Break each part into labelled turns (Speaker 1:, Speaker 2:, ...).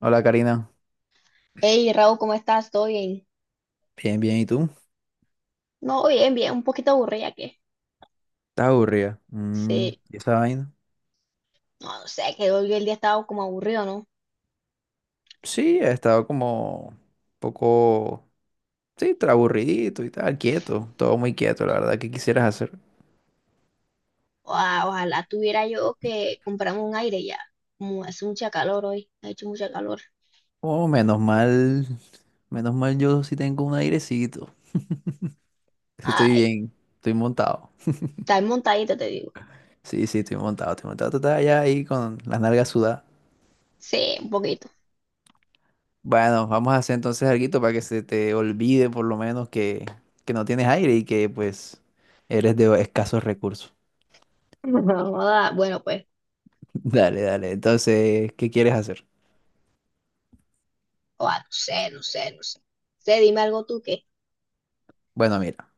Speaker 1: Hola, Karina.
Speaker 2: Hey, Raúl, ¿cómo estás? ¿Todo bien?
Speaker 1: Bien, bien, ¿y tú?
Speaker 2: No, bien, bien, un poquito aburrida qué?
Speaker 1: ¿Estás aburrida? Mm,
Speaker 2: Sí,
Speaker 1: ¿y esa vaina?
Speaker 2: no, no sé, que hoy el día estaba como aburrido, ¿no?
Speaker 1: Sí, he estado como un poco, sí, aburridito y tal, quieto, todo muy quieto, la verdad. ¿Qué quisieras hacer?
Speaker 2: Ojalá tuviera yo que comprarme un aire ya. Como hace mucha calor hoy, ha hecho mucha calor.
Speaker 1: Oh, menos mal, menos mal, yo sí tengo un airecito, estoy
Speaker 2: Ay,
Speaker 1: bien, estoy montado.
Speaker 2: está montadito, te digo.
Speaker 1: Sí, sí, estoy montado, tú estás allá ahí con las nalgas sudadas.
Speaker 2: Sí, un poquito.
Speaker 1: Bueno, vamos a hacer entonces algo para que se te olvide por lo menos que no tienes aire y que pues eres de escasos recursos.
Speaker 2: Joda, bueno, pues,
Speaker 1: Dale, dale. Entonces, ¿qué quieres hacer?
Speaker 2: oa, no sé, no sé, no sé. Sé, dime algo tú que.
Speaker 1: Bueno, mira,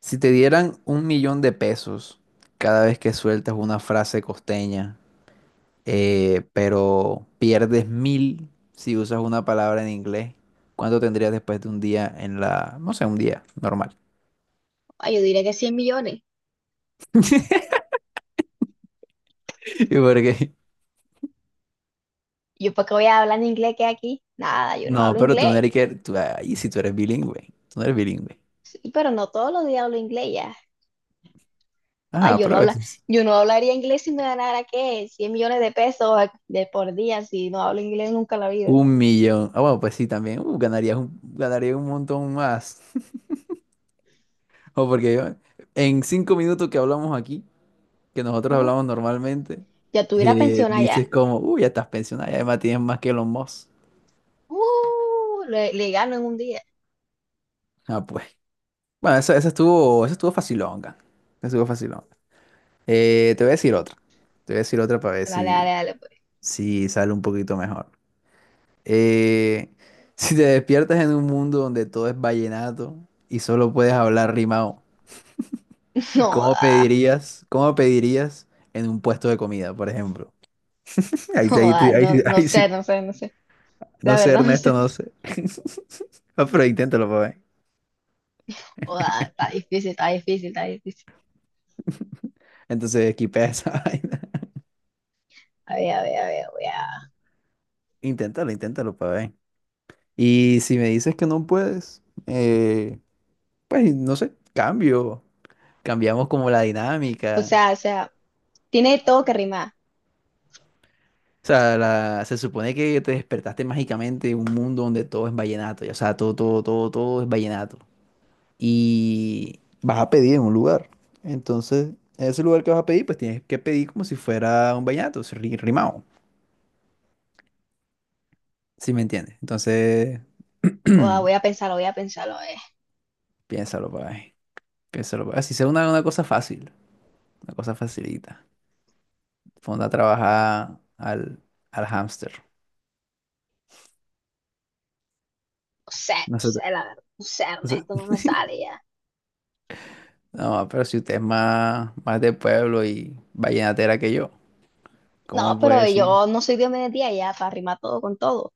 Speaker 1: si te dieran 1 millón de pesos cada vez que sueltas una frase costeña, pero pierdes 1.000 si usas una palabra en inglés, ¿cuánto tendrías después de un día en no sé, un día normal?
Speaker 2: Oa, yo diré que 100 millones.
Speaker 1: ¿Y por qué?
Speaker 2: ¿Yo para qué voy a hablar en inglés que aquí? Nada, yo no
Speaker 1: No,
Speaker 2: hablo
Speaker 1: pero tú no
Speaker 2: inglés.
Speaker 1: eres que, tú, ay, si tú eres bilingüe, tú no eres bilingüe.
Speaker 2: Sí, pero no todos los días hablo inglés. Ay,
Speaker 1: Ah,
Speaker 2: yo no
Speaker 1: pero a
Speaker 2: habla,
Speaker 1: veces.
Speaker 2: yo no hablaría inglés si me ganara, ¿qué? 100 millones de pesos de por día, si no hablo inglés nunca en la vida.
Speaker 1: 1 millón. Ah, bueno, pues sí, también. Ganaría un montón más. O porque en 5 minutos que hablamos aquí, que nosotros
Speaker 2: Uh,
Speaker 1: hablamos normalmente,
Speaker 2: ya tuviera pensión allá.
Speaker 1: dices como, uy, ya estás pensionado y además tienes más que los Musk.
Speaker 2: Le gano en un día.
Speaker 1: Ah, pues. Bueno, eso estuvo facilonga. Eso estuvo facilonga. Te voy a decir otra. Para ver
Speaker 2: Dale, dale,
Speaker 1: si,
Speaker 2: dale, pues.
Speaker 1: si sale un poquito mejor. Eh, si te despiertas en un mundo donde todo es vallenato y solo puedes hablar rimado,
Speaker 2: No da,
Speaker 1: ¿cómo pedirías en un puesto de comida, por ejemplo? Ahí, sí-
Speaker 2: no
Speaker 1: ahí,
Speaker 2: da,
Speaker 1: sí- ahí,
Speaker 2: no, no
Speaker 1: sí-
Speaker 2: sé,
Speaker 1: ahí,
Speaker 2: no sé, no sé. La
Speaker 1: No sé,
Speaker 2: verdad, no
Speaker 1: Ernesto,
Speaker 2: sé.
Speaker 1: no sé. Ah, pero inténtalo para ver.
Speaker 2: No da, está difícil, está difícil, está difícil.
Speaker 1: Entonces, equipé esa vaina.
Speaker 2: A ver, a ver, a ver, voy a-
Speaker 1: Inténtalo, inténtalo para ver. Y si me dices que no puedes, pues no sé, cambio. Cambiamos como la dinámica.
Speaker 2: O sea, tiene todo que rimar.
Speaker 1: O sea, se supone que te despertaste mágicamente en un mundo donde todo es vallenato. Y, o sea, todo, todo, todo, todo es vallenato. Y vas a pedir en un lugar. Entonces, en ese lugar que vas a pedir, pues tienes que pedir como si fuera un vallenato, si rimado. Si me entiendes. Entonces,
Speaker 2: No da, voy a pensarlo, voy a pensarlo.
Speaker 1: piénsalo por ahí. Piénsalo por ahí. Si sea una cosa fácil, una cosa facilita. Ponte a trabajar al hámster.
Speaker 2: No sé,
Speaker 1: No
Speaker 2: no
Speaker 1: sé.
Speaker 2: sé, la verdad. No sé,
Speaker 1: No.
Speaker 2: Ernesto, no me sale ya.
Speaker 1: No, pero si usted es más, más de pueblo y vallenatera que yo, ¿cómo
Speaker 2: No,
Speaker 1: me puede
Speaker 2: pero
Speaker 1: decir?
Speaker 2: yo no soy Dios me día ya, para rimar todo con todo.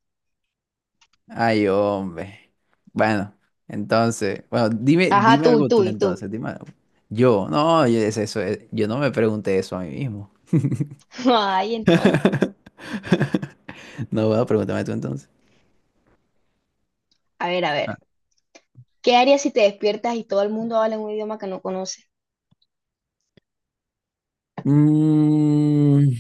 Speaker 1: Ay, hombre. Bueno, entonces, bueno, dime,
Speaker 2: Ajá,
Speaker 1: dime
Speaker 2: tú y
Speaker 1: algo tú
Speaker 2: tú y tú.
Speaker 1: entonces, dime algo. Yo, no, yo, es eso, yo no me pregunté eso a mí mismo.
Speaker 2: Ay, entonces.
Speaker 1: No va, pregúntame tú entonces.
Speaker 2: A ver, a
Speaker 1: Ah.
Speaker 2: ver. ¿Qué harías si te despiertas y todo el mundo habla un idioma que no conoces?
Speaker 1: Mm,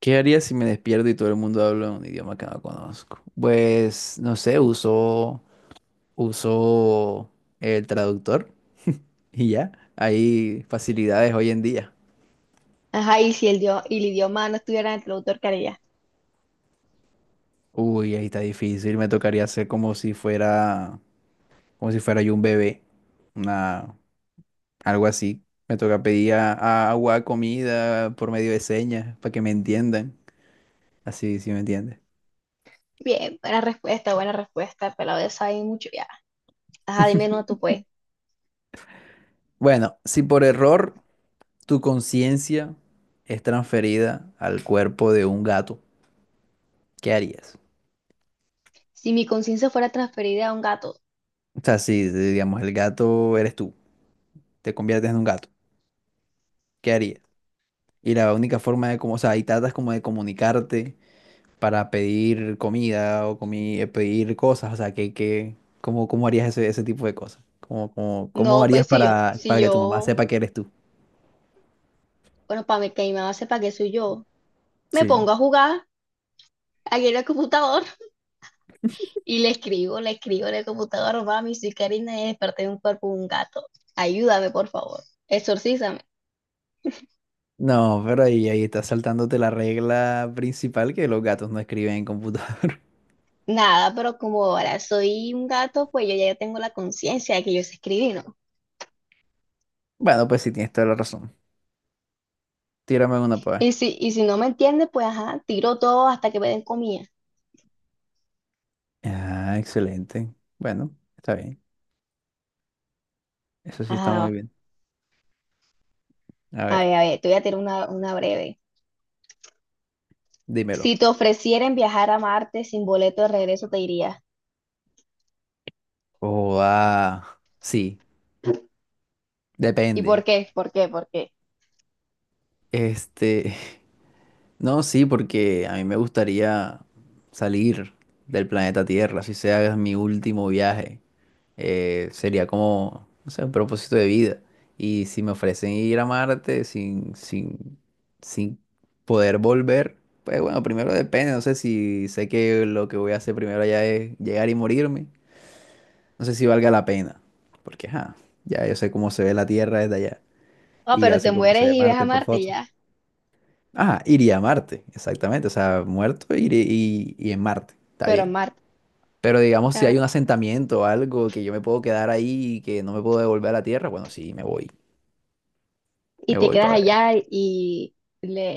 Speaker 1: ¿qué haría si me despierto y todo el mundo habla un idioma que no conozco? Pues, no sé, uso el traductor y ya. Hay facilidades hoy en día.
Speaker 2: Ajá, y si el, dio- y el idioma no estuviera en el traductor, ¿qué harías?
Speaker 1: Uy, ahí está difícil. Me tocaría hacer como si fuera yo un bebé, una, algo así. Me toca pedir a agua, comida por medio de señas para que me entiendan. Así, sí me entiendes.
Speaker 2: Bien, buena respuesta, pero de esa hay mucho ya. Ajá, dime no tú pues.
Speaker 1: Bueno, si por error tu conciencia es transferida al cuerpo de un gato. ¿Qué harías?
Speaker 2: Si mi conciencia fuera transferida a un gato.
Speaker 1: O sea, si si, digamos el gato eres tú, te conviertes en un gato, ¿qué harías? Y la única forma de como, o sea, y tratas como de comunicarte para pedir comida o pedir cosas, o sea, ¿cómo harías ese tipo de cosas? ¿Cómo
Speaker 2: No, pues
Speaker 1: harías
Speaker 2: si yo,
Speaker 1: para,
Speaker 2: si
Speaker 1: para que tu mamá
Speaker 2: yo,
Speaker 1: sepa que eres tú?
Speaker 2: bueno, para que mi mamá sepa que soy yo, me
Speaker 1: Sí.
Speaker 2: pongo a jugar aquí en el computador. Y le escribo en el computador, mami, soy Karina y desperté de un cuerpo de un gato. Ayúdame, por favor. Exorcízame.
Speaker 1: No, pero ahí estás saltándote la regla principal, que los gatos no escriben en computador.
Speaker 2: Nada, pero como ahora soy un gato, pues yo ya tengo la conciencia de que yo sé escribir, ¿no?
Speaker 1: Bueno, pues sí, tienes toda la razón. Tírame una para
Speaker 2: Y
Speaker 1: ver.
Speaker 2: si, y si no me entiende, pues ajá, tiro todo hasta que me den comida.
Speaker 1: Ah, excelente. Bueno, está bien. Eso sí está muy
Speaker 2: Ajá,
Speaker 1: bien. A ver,
Speaker 2: a ver, te voy a tirar una breve.
Speaker 1: dímelo.
Speaker 2: Si te ofrecieren viajar a Marte sin boleto de regreso, te irías.
Speaker 1: Oh, ah, sí,
Speaker 2: ¿Y por
Speaker 1: depende.
Speaker 2: qué? ¿Por qué? ¿Por qué?
Speaker 1: Este, no, sí, porque a mí me gustaría salir del planeta Tierra, si sea mi último viaje. Sería como, no sé, un propósito de vida. Y si me ofrecen ir a Marte sin poder volver, pues bueno, primero depende, no sé si sé que lo que voy a hacer primero allá es llegar y morirme, no sé si valga la pena, porque ajá, ya yo sé cómo se ve la Tierra desde allá
Speaker 2: Ah,
Speaker 1: y
Speaker 2: pero
Speaker 1: ya
Speaker 2: te
Speaker 1: sé cómo se
Speaker 2: mueres
Speaker 1: ve
Speaker 2: y ves a
Speaker 1: Marte por
Speaker 2: Marte
Speaker 1: foto.
Speaker 2: ya.
Speaker 1: Iría a Marte, exactamente, o sea, muerto iré y en Marte, está
Speaker 2: Pero a
Speaker 1: bien.
Speaker 2: Marte,
Speaker 1: Pero digamos, si hay un
Speaker 2: claro.
Speaker 1: asentamiento o algo que yo me puedo quedar ahí y que no me puedo devolver a la tierra, bueno, sí, me voy.
Speaker 2: Y
Speaker 1: Me
Speaker 2: te
Speaker 1: voy
Speaker 2: quedas
Speaker 1: para ver.
Speaker 2: allá y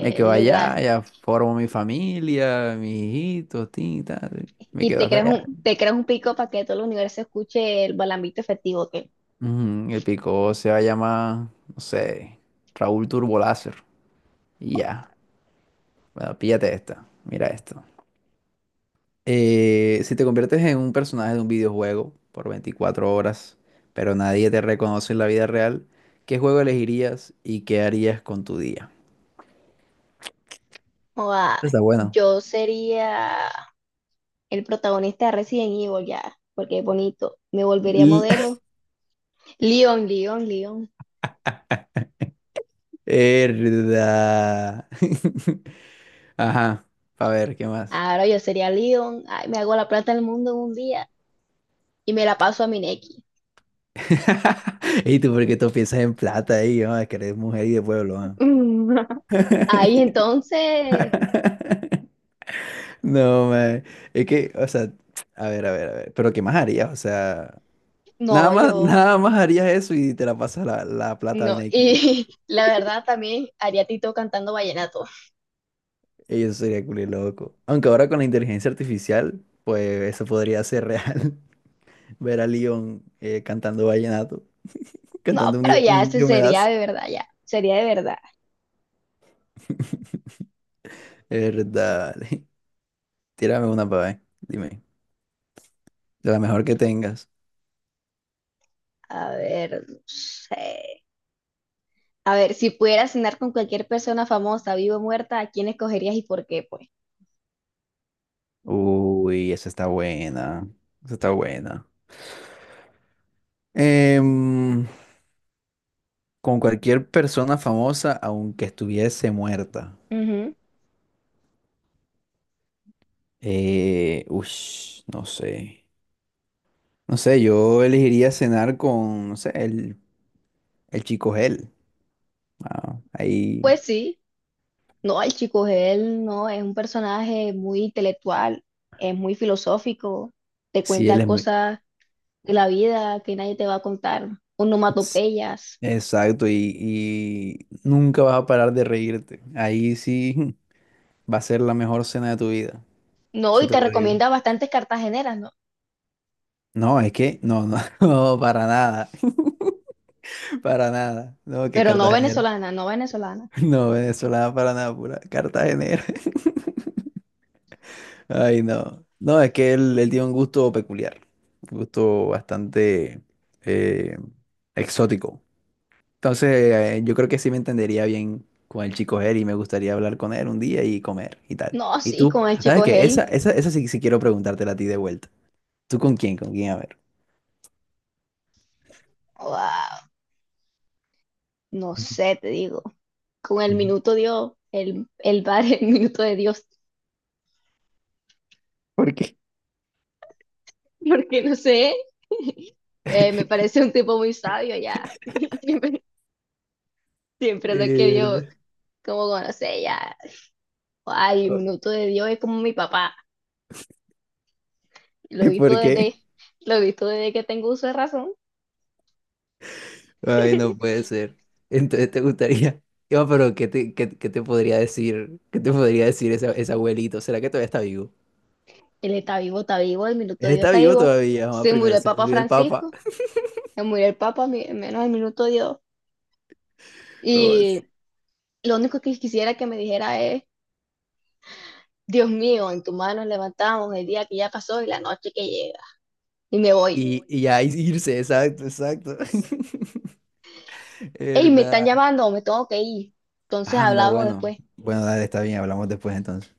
Speaker 1: Me quedo
Speaker 2: le das,
Speaker 1: allá, ya formo mi familia, mis hijitos, tin, tal. Me
Speaker 2: y
Speaker 1: quedo hasta allá.
Speaker 2: te creas un pico para que todo el universo escuche el balambito efectivo que
Speaker 1: Ujú. El pico se va a llamar, no sé, Raúl Turboláser. Y ya. Bueno, píllate esta. Mira esto. Si te conviertes en un personaje de un videojuego por 24 horas, pero nadie te reconoce en la vida real, ¿qué juego elegirías y qué harías con tu día?
Speaker 2: o joda,
Speaker 1: Está bueno.
Speaker 2: yo sería el protagonista de Resident Evil ya, porque es bonito, me volvería
Speaker 1: L-
Speaker 2: modelo, Leon, Leon, Leon,
Speaker 1: Verdad. Ajá. A ver, ¿qué más?
Speaker 2: ahora yo sería Leon, ay, me hago la plata del mundo en un día y me la paso a Mineki.
Speaker 1: ¿Y tú por qué tú piensas en plata ahí? Ah, que eres mujer y de pueblo. ¿Ah?
Speaker 2: Ahí entonces,
Speaker 1: No, man. Es que, o sea, a ver, a ver, a ver. Pero ¿qué más harías? O sea, nada
Speaker 2: no,
Speaker 1: más,
Speaker 2: yo,
Speaker 1: nada más harías eso y te la pasas la, la plata al
Speaker 2: no,
Speaker 1: nequilla.
Speaker 2: y la verdad también haría Tito cantando vallenato.
Speaker 1: Y eso sería culo loco. Aunque ahora con la inteligencia artificial, pues eso podría ser real. Ver a Leon cantando vallenato.
Speaker 2: No,
Speaker 1: Cantando
Speaker 2: pero ya,
Speaker 1: Un
Speaker 2: ese
Speaker 1: Dios me
Speaker 2: sería
Speaker 1: das.
Speaker 2: de verdad, ya. Sería de verdad.
Speaker 1: Verdad. Tírame una para ver. Dime. De la mejor que tengas.
Speaker 2: A ver, no sé. A ver, si pudieras cenar con cualquier persona famosa, viva o muerta, ¿a quién escogerías y por qué, pues?
Speaker 1: Uy, esa está buena. Esa está buena. Em, con cualquier persona famosa, aunque estuviese muerta.
Speaker 2: Ujú.
Speaker 1: Ush, no sé. No sé, yo elegiría cenar con, no sé, el chico Gel. Ah, ahí
Speaker 2: Pues sí. No, el chico él no, es un personaje muy intelectual, es muy filosófico, te
Speaker 1: sí, él
Speaker 2: cuenta
Speaker 1: es muy...
Speaker 2: cosas de la vida que nadie te va a contar,
Speaker 1: s-
Speaker 2: onomatopeyas.
Speaker 1: Exacto, y nunca vas a parar de reírte. Ahí sí, va a ser la mejor cena de tu vida.
Speaker 2: No,
Speaker 1: Eso
Speaker 2: y
Speaker 1: te
Speaker 2: te
Speaker 1: lo digo.
Speaker 2: recomienda bastantes cartageneras, ¿no?
Speaker 1: No, es que, no, no, no, para nada. Para nada. No, que
Speaker 2: Pero no
Speaker 1: Cartagenera.
Speaker 2: venezolanas, no venezolanas.
Speaker 1: No, venezolana para nada, pura Cartagenera. Ay, no. No, es que él tiene un gusto peculiar. Un gusto bastante eh, exótico. Entonces, yo creo que sí me entendería bien con el chico él y me gustaría hablar con él un día y comer y tal.
Speaker 2: No,
Speaker 1: ¿Y
Speaker 2: sí,
Speaker 1: tú?
Speaker 2: con el
Speaker 1: ¿Sabes
Speaker 2: chico
Speaker 1: qué? Esa,
Speaker 2: Gel.
Speaker 1: esa, esa sí, sí quiero preguntártela a ti de vuelta. ¿Tú con quién? ¿Con quién? A ver.
Speaker 2: Wow. No
Speaker 1: Ujú,
Speaker 2: sé, te digo. Con el
Speaker 1: ujú.
Speaker 2: minuto Dios, el el minuto de Dios.
Speaker 1: ¿Por qué?
Speaker 2: Porque no sé. Me parece un tipo muy sabio ya. Siempre, siempre lo he querido
Speaker 1: Mierda.
Speaker 2: como conocer ya. Ay, el
Speaker 1: Oh,
Speaker 2: minuto de Dios es como mi papá. Lo he visto
Speaker 1: ¿por
Speaker 2: desde,
Speaker 1: qué?
Speaker 2: lo he visto desde que tengo uso de razón.
Speaker 1: Ay, no puede ser. Entonces te gustaría. Yo, pero ¿qué te podría decir? ¿Qué te podría decir ese abuelito? ¿Será que todavía está vivo?
Speaker 2: Él está vivo, el minuto
Speaker 1: Él
Speaker 2: de Dios
Speaker 1: está
Speaker 2: está
Speaker 1: vivo
Speaker 2: vivo.
Speaker 1: todavía, mamá.
Speaker 2: Se murió
Speaker 1: Primero
Speaker 2: el
Speaker 1: se
Speaker 2: Papa
Speaker 1: murió el papa.
Speaker 2: Francisco, se murió el Papa, menos el minuto de Dios.
Speaker 1: Oh,
Speaker 2: Y
Speaker 1: sí.
Speaker 2: lo único que quisiera que me dijera es Dios mío, en tus manos levantamos el día que ya pasó y la noche que llega. Y me voy.
Speaker 1: Y ya irse, exacto, exacto.
Speaker 2: Ey, me están
Speaker 1: ¿Verdad?
Speaker 2: llamando, me tengo que ir. Entonces
Speaker 1: Anda,
Speaker 2: hablamos
Speaker 1: bueno.
Speaker 2: después.
Speaker 1: Bueno, dale, está bien, hablamos después entonces.